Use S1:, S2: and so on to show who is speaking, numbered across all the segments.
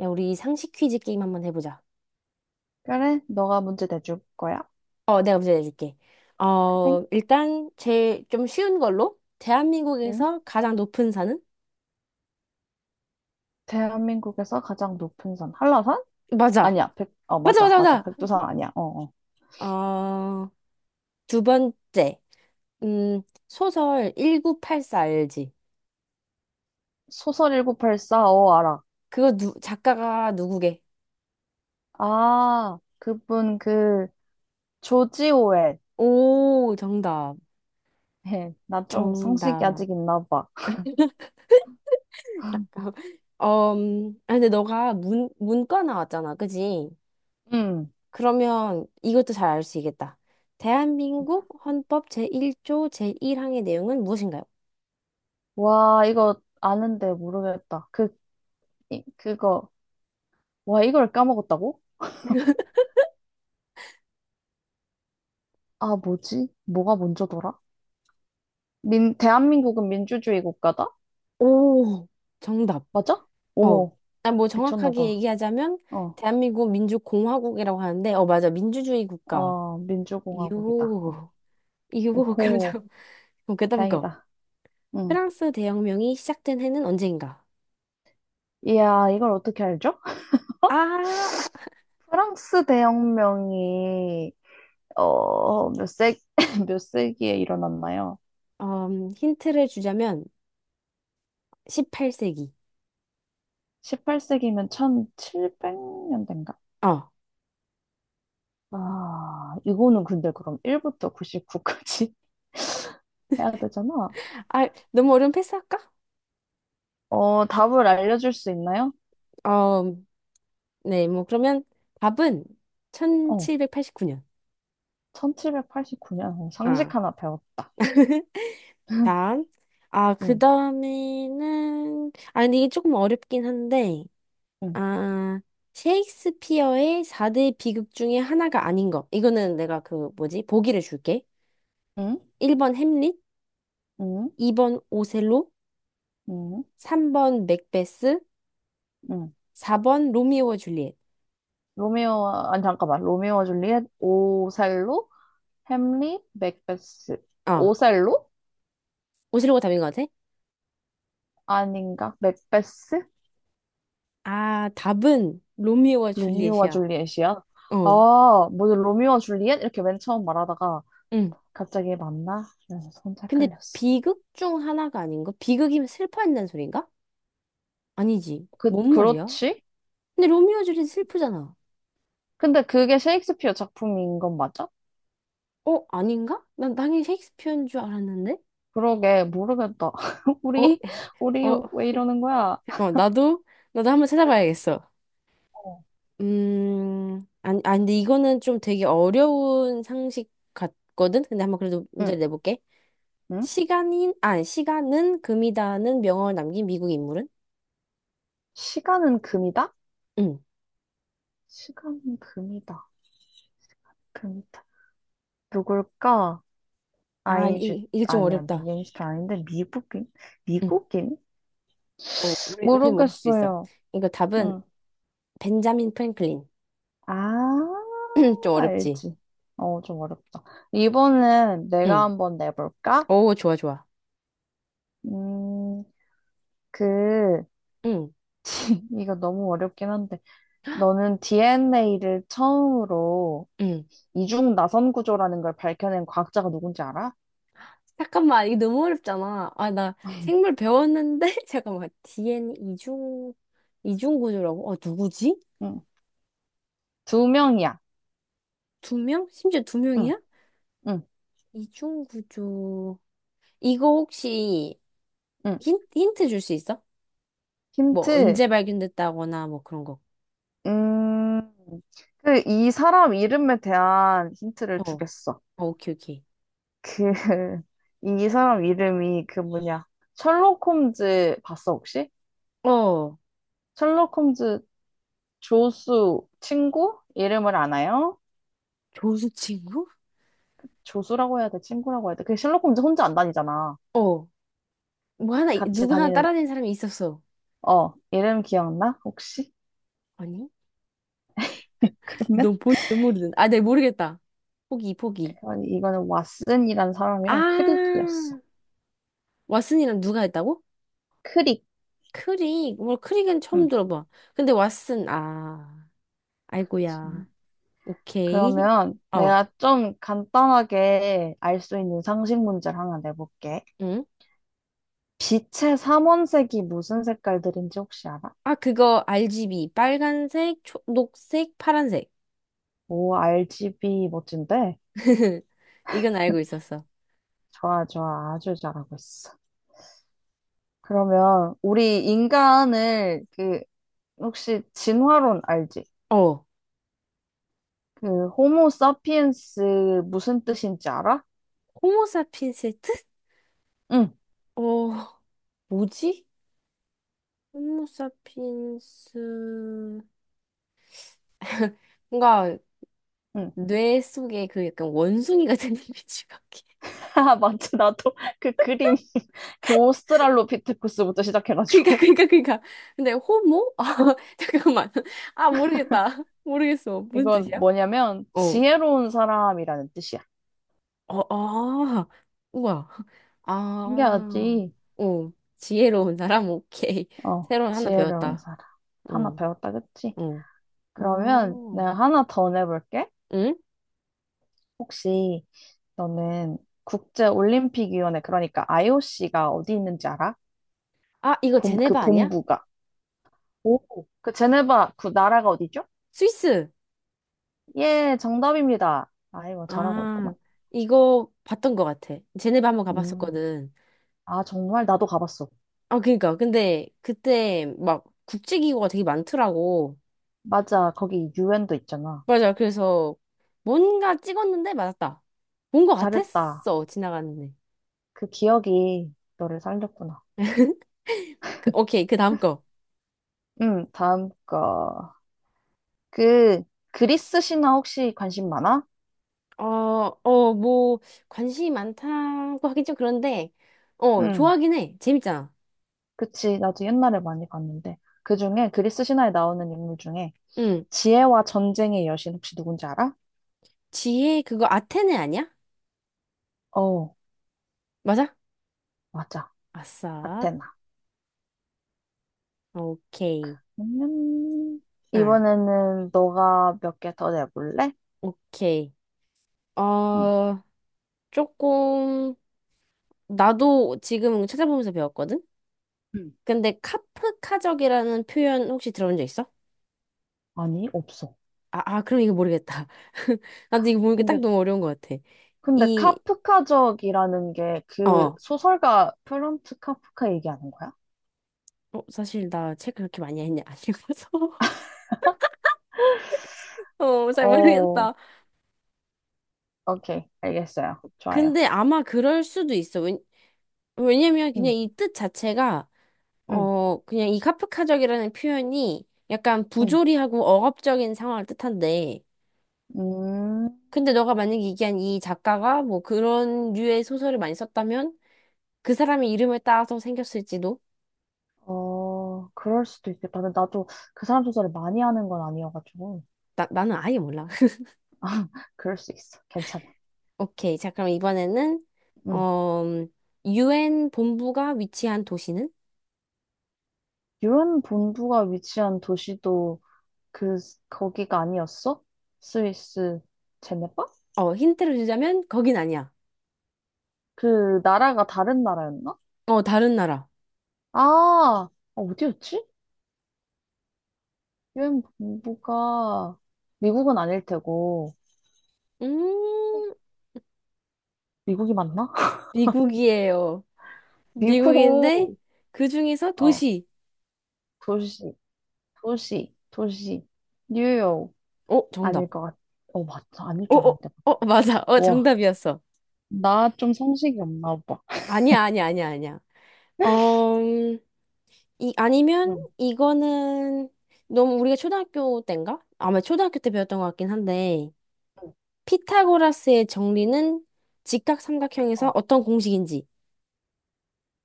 S1: 야, 우리 상식 퀴즈 게임 한번 해보자.
S2: 그래, 너가 문제 내줄 거야.
S1: 내가 문제 내줄게.
S2: 그래?
S1: 일단 제일 좀 쉬운 걸로
S2: 응?
S1: 대한민국에서 가장 높은 산은?
S2: 대한민국에서 가장 높은 산, 한라산?
S1: 맞아.
S2: 아니야,
S1: 맞아,
S2: 맞아, 맞아.
S1: 맞아,
S2: 백두산 아니야. 어, 어.
S1: 맞아. 어, 두 번째. 음, 소설 1984 알지?
S2: 소설 일곱팔사 알아.
S1: 그거 작가가 누구게?
S2: 아, 그분, 조지 오웰.
S1: 오, 정답.
S2: 나 좀 상식이
S1: 정답.
S2: 아직 있나 봐.
S1: 근데 너가 문과 나왔잖아, 그지?
S2: 음.
S1: 그러면 이것도 잘 알 수 있겠다. 대한민국 헌법 제1조 제1항의 내용은 무엇인가요?
S2: 와, 이거 아는데 모르겠다. 이- 그거, 와, 이걸 까먹었다고? 아, 뭐지? 뭐가 먼저더라? 대한민국은 민주주의 국가다?
S1: 오, 정답.
S2: 맞아?
S1: 어.
S2: 어머,
S1: 아, 뭐
S2: 미쳤나
S1: 정확하게
S2: 봐.
S1: 얘기하자면
S2: 어.
S1: 대한민국 민주공화국이라고 하는데, 맞아. 민주주의 국가.
S2: 어, 민주공화국이다. 어.
S1: 요, 요, 그럼
S2: 오호,
S1: 잠, 그럼 그다음 거.
S2: 다행이다. 응.
S1: 프랑스 대혁명이 시작된 해는 언제인가?
S2: 이야, 이걸 어떻게 알죠?
S1: 아,
S2: 프랑스 대혁명이 어, 몇 세, 몇 세기에 일어났나요?
S1: 힌트를 주자면 18세기.
S2: 18세기면 1700년대인가?
S1: 어.
S2: 아, 이거는 근데 그럼 1부터 99까지 해야 되잖아.
S1: 아, 너무 어려운 패스할까?
S2: 어, 답을 알려줄 수 있나요?
S1: 어, 네, 뭐 그러면 답은
S2: 어,
S1: 1789년.
S2: 1789년.
S1: 아.
S2: 상식 하나 배웠다.
S1: 다음.
S2: 응,
S1: 그다음에는 근데 이게 조금 어렵긴 한데
S2: 응,
S1: 아, 셰익스피어의 4대 비극 중에 하나가 아닌 것. 이거는 내가 그 뭐지? 보기를 줄게.
S2: 응,
S1: 1번 햄릿,
S2: 응,
S1: 2번 오셀로,
S2: 응,
S1: 3번 맥베스,
S2: 응.
S1: 4번 로미오와 줄리엣.
S2: 로미오, 아니, 잠깐만. 로미오와 줄리엣, 오셀로? 햄릿, 맥베스.
S1: 어.
S2: 오셀로?
S1: 오셀로가 답인 것 같아?
S2: 아닌가? 맥베스?
S1: 아, 답은 로미오와
S2: 로미오와
S1: 줄리엣이야.
S2: 줄리엣이야?
S1: 어.
S2: 아, 뭐지, 로미오와 줄리엣? 이렇게 맨 처음 말하다가
S1: 응.
S2: 갑자기 맞나? 이러면서 혼자
S1: 근데
S2: 헷갈렸어.
S1: 비극 중 하나가 아닌가? 비극이면 슬퍼한다는 소린가? 아니지. 뭔 말이야?
S2: 그렇지?
S1: 근데 로미오 줄리 슬프잖아.
S2: 근데 그게 셰익스피어 작품인 건 맞아?
S1: 아닌가? 난 당연히 셰익스피어인 줄 알았는데.
S2: 그러게, 모르겠다.
S1: 어,
S2: 우리, 우리
S1: 어,
S2: 왜 이러는 거야?
S1: 잠깐만. 나도 한번 찾아봐야겠어.
S2: 어.
S1: 아니, 아니, 근데 이거는 좀 되게 어려운 상식 같거든. 근데 한번 그래도
S2: 응,
S1: 문제를 내볼게.
S2: 응?
S1: 시간은 금이다는 명언을 남긴 미국 인물은?
S2: 시간은 금이다?
S1: 응.
S2: 시간은 금이다. 금이다. 누굴까?
S1: 아,
S2: 아인슈
S1: 이게 좀
S2: 아니야,
S1: 어렵다.
S2: 미인슈타인 아닌데. 미국인.
S1: 응.
S2: 미국인,
S1: 우리 모를 수도 있어.
S2: 모르겠어요.
S1: 이거 답은
S2: 응.
S1: 벤자민 프랭클린.
S2: 아,
S1: 좀 어렵지?
S2: 알지. 어, 좀 어렵다. 이번엔 내가
S1: 응.
S2: 한번 내볼까?
S1: 오, 좋아, 좋아.
S2: 음 그
S1: 응.
S2: 이거 너무 어렵긴 한데, 너는 DNA를 처음으로
S1: 응.
S2: 이중 나선 구조라는 걸 밝혀낸 과학자가 누군지 알아?
S1: 잠깐만, 이게 너무 어렵잖아. 아, 나 생물 배웠는데? 잠깐만, DN 이중구조라고? 누구지?
S2: 응. 두 명이야.
S1: 두 명? 심지어 두
S2: 응,
S1: 명이야?
S2: 응,
S1: 이중구조. 이거 혹시
S2: 응.
S1: 힌트 줄 수 있어? 뭐,
S2: 힌트.
S1: 언제 발견됐다거나 뭐 그런 거.
S2: 음, 이 사람 이름에 대한 힌트를
S1: 어,
S2: 주겠어.
S1: 오케이, 오케이.
S2: 그, 이 사람 이름이 그 뭐냐. 셜록 홈즈 봤어, 혹시?
S1: 어,
S2: 셜록 홈즈 조수 친구? 이름을 아나요?
S1: 조수 친구?
S2: 조수라고 해야 돼, 친구라고 해야 돼. 그 셜록 홈즈 혼자 안 다니잖아.
S1: 어, 뭐 하나,
S2: 같이
S1: 누구 하나
S2: 다니는,
S1: 따라낸 사람이 있었어.
S2: 이름 기억나? 혹시?
S1: 아니?
S2: 그러면?
S1: 넌 본지도 모르는. 아, 네, 모르겠다. 포기, 포기.
S2: 아니, 이거는 왓슨이란 사람이랑
S1: 아,
S2: 크릭이었어.
S1: 왓슨이랑 누가 했다고?
S2: 크릭.
S1: 크릭. 뭐 크릭은 처음
S2: 응.
S1: 들어봐. 근데 왓슨, 아, 아이고야. 오케이.
S2: 그러면
S1: 어,
S2: 내가 좀 간단하게 알 수 있는 상식 문제를 하나 내볼게.
S1: 응?
S2: 빛의 삼원색이 무슨 색깔들인지 혹시 알아?
S1: 아, 그거 RGB. 빨간색, 녹색, 파란색.
S2: 오, RGB 멋진데?
S1: 이건 알고 있었어.
S2: 좋아, 좋아. 아주 잘하고 있어. 그러면 우리 인간을 혹시 진화론 알지?
S1: 어,
S2: 그 호모 사피엔스 무슨 뜻인지 알아?
S1: 호모사핀스 뜻?
S2: 응,
S1: 어, 뭐지? 호모사핀스. 뭔가
S2: 응.
S1: 뇌 속에 그 약간 원숭이 같은 이미지가.
S2: 아, 맞지. 나도 그 그림 그 오스트랄로피테쿠스부터
S1: 그니까,
S2: 시작해가지고,
S1: 그니까, 그니까. 근데 호모? 아, 잠깐만. 아, 모르겠다. 모르겠어. 무슨
S2: 이건
S1: 뜻이야?
S2: 뭐냐면
S1: 어.
S2: 지혜로운 사람이라는 뜻이야.
S1: 어, 아. 우와. 아.
S2: 신기하지?
S1: 어. 지혜로운 사람? 오케이.
S2: 어,
S1: 새로운 하나
S2: 지혜로운
S1: 배웠다.
S2: 사람. 하나
S1: 어,
S2: 배웠다, 그치?
S1: 어.
S2: 그러면
S1: 어.
S2: 내가 하나 더 내볼게.
S1: 응?
S2: 혹시 너는 국제올림픽위원회, 그러니까 IOC가 어디 있는지 알아?
S1: 아, 이거
S2: 그
S1: 제네바 아니야?
S2: 본부가. 오. 그 제네바, 그 나라가 어디죠?
S1: 스위스.
S2: 예, 정답입니다. 아이고, 잘하고 있구만.
S1: 아, 이거 봤던 것 같아. 제네바 한번
S2: 음.
S1: 가봤었거든.
S2: 아, 정말? 나도 가봤어.
S1: 아, 그니까. 근데 그때 막 국제기구가 되게 많더라고.
S2: 맞아, 거기 유엔도 있잖아.
S1: 맞아. 그래서 뭔가 찍었는데 맞았다. 본 것
S2: 잘했다.
S1: 같았어. 지나가는데.
S2: 그 기억이 너를 살렸구나.
S1: 오케이. 그 다음 거.
S2: 응, 다음 거. 그, 그리스 신화 혹시 관심 많아?
S1: 어, 뭐, 관심이 많다고 하긴 좀 그런데,
S2: 응,
S1: 좋아하긴 해. 재밌잖아.
S2: 그치. 나도 옛날에 많이 봤는데. 그 중에, 그리스 신화에 나오는 인물 중에,
S1: 응.
S2: 지혜와 전쟁의 여신 혹시 누군지 알아?
S1: 그거 아테네 아니야?
S2: 어,
S1: 맞아?
S2: 맞아.
S1: 아싸.
S2: 아테나.
S1: 오케이.
S2: 음,
S1: 아,
S2: 이번에는 너가 몇 개 더 내볼래?
S1: 오케이.
S2: 응.
S1: 어, 조금, 나도 지금 찾아보면서 배웠거든?
S2: 응.
S1: 근데 카프카적이라는 표현 혹시 들어본 적 있어?
S2: 아니, 없어.
S1: 아, 아, 그럼 이거 모르겠다. 나도
S2: 카-
S1: 이거 모르까게딱
S2: 근데,
S1: 너무 어려운 것 같아.
S2: 근데
S1: 이,
S2: 카프카적이라는 게
S1: 어,
S2: 그
S1: 어,
S2: 소설가 프란츠 카프카 얘기하는 거야?
S1: 사실 나 책 그렇게 많이 했냐? 안 읽어서. 잘
S2: 어,
S1: 모르겠다.
S2: 오케이. 알겠어요. 좋아요.
S1: 근데 아마 그럴 수도 있어. 왜냐면 그냥
S2: 응,
S1: 이 뜻 자체가,
S2: 응,
S1: 그냥 이 카프카적이라는 표현이 약간
S2: 응.
S1: 부조리하고 억압적인 상황을 뜻한데,
S2: 음,
S1: 근데 너가 만약에 얘기한 이 작가가 뭐 그런 류의 소설을 많이 썼다면 그 사람의 이름을 따서 생겼을지도?
S2: 그럴 수도 있겠다. 근데 나도 그 사람 조사를 많이 하는 건 아니어가지고.
S1: 나는 아예 몰라.
S2: 그럴 수 있어. 괜찮아.
S1: 오케이. 자, 그럼 이번에는,
S2: 응.
S1: 어, UN 본부가 위치한 도시는?
S2: 유엔 본부가 위치한 도시도 그, 거기가 아니었어? 스위스 제네바?
S1: 힌트를 주자면, 거긴 아니야.
S2: 그 나라가 다른 나라였나?
S1: 다른 나라.
S2: 아, 어디였지? 유엔 본부가 미국은 아닐 테고.
S1: 음,
S2: 미국이 맞나?
S1: 미국이에요. 미국인데,
S2: 미국,
S1: 그 중에서
S2: 어,
S1: 도시.
S2: 도시, 도시, 도시. 뉴욕.
S1: 어,
S2: 아닐
S1: 정답.
S2: 것 같아. 어, 맞다. 아닐
S1: 어,
S2: 줄
S1: 어,
S2: 알았는데.
S1: 어, 맞아. 어,
S2: 와.
S1: 정답이었어.
S2: 나 좀 상식이 없나 봐.
S1: 아니야, 아니야, 아니야, 아니야. 어, 음, 아니면,
S2: 응.
S1: 이거는, 너무 우리가 초등학교 때인가? 아마 초등학교 때 배웠던 것 같긴 한데,
S2: 응.
S1: 피타고라스의 정리는 직각삼각형에서
S2: 어,
S1: 어떤 공식인지.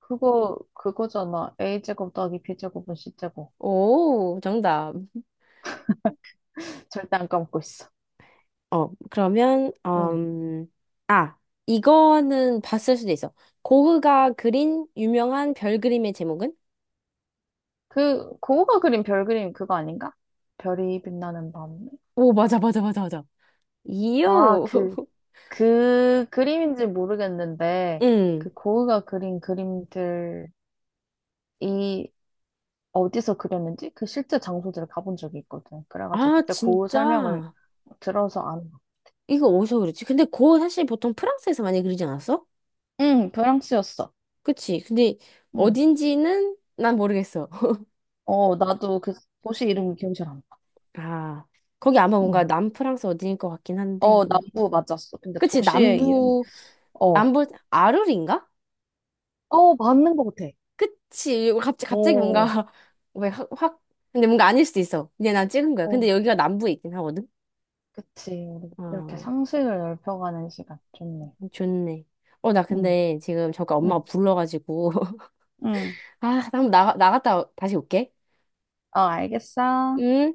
S2: 그거잖아. A제곱 더하기 B제곱은 C제곱.
S1: 오, 정답.
S2: 절대 안 까먹고 있어.
S1: 그러면,
S2: 응.
S1: 아, 이거는 봤을 수도 있어. 고흐가 그린 유명한 별 그림의 제목은?
S2: 고우가 그린 별 그림 그거 아닌가? 별이 빛나는 밤.
S1: 오, 맞아, 맞아, 맞아, 맞아.
S2: 나
S1: 이유.
S2: 그 그림인지 모르겠는데,
S1: 응.
S2: 그 고흐가 그린 그림들이 어디서 그렸는지 그 실제 장소들을 가본 적이 있거든. 그래가지고
S1: 아,
S2: 그때 고흐 설명을
S1: 진짜.
S2: 들어서,
S1: 이거 어디서 그랬지? 근데 고흐 사실 보통 프랑스에서 많이 그리지 않았어?
S2: 응, 프랑스였어.
S1: 그치. 근데
S2: 응.
S1: 어딘지는 난 모르겠어.
S2: 어, 나도 그 도시 이름이 기억이 잘 안 나.
S1: 아, 거기 아마 뭔가
S2: 응.
S1: 남프랑스 어딘일 것 같긴 한데,
S2: 어,
S1: 뭐.
S2: 남부 맞았어. 근데
S1: 그치,
S2: 도시의 이름,
S1: 남부,
S2: 어,
S1: 남부, 아르린가?
S2: 어, 맞는 것 같아.
S1: 그치, 갑자기, 갑자기 뭔가,
S2: 오,
S1: 왜 확, 확, 근데 뭔가 아닐 수도 있어. 그냥 난 찍은 거야.
S2: 어,
S1: 근데 여기가 남부에 있긴 하거든?
S2: 그치. 우리 이렇게
S1: 어,
S2: 상식을 넓혀가는 시간 좋네.
S1: 좋네. 어, 나
S2: 응,
S1: 근데 지금 저까
S2: 응,
S1: 엄마가 불러가지고.
S2: 응.
S1: 나 한번 나갔다 다시 올게.
S2: 어, 알겠어.
S1: 응?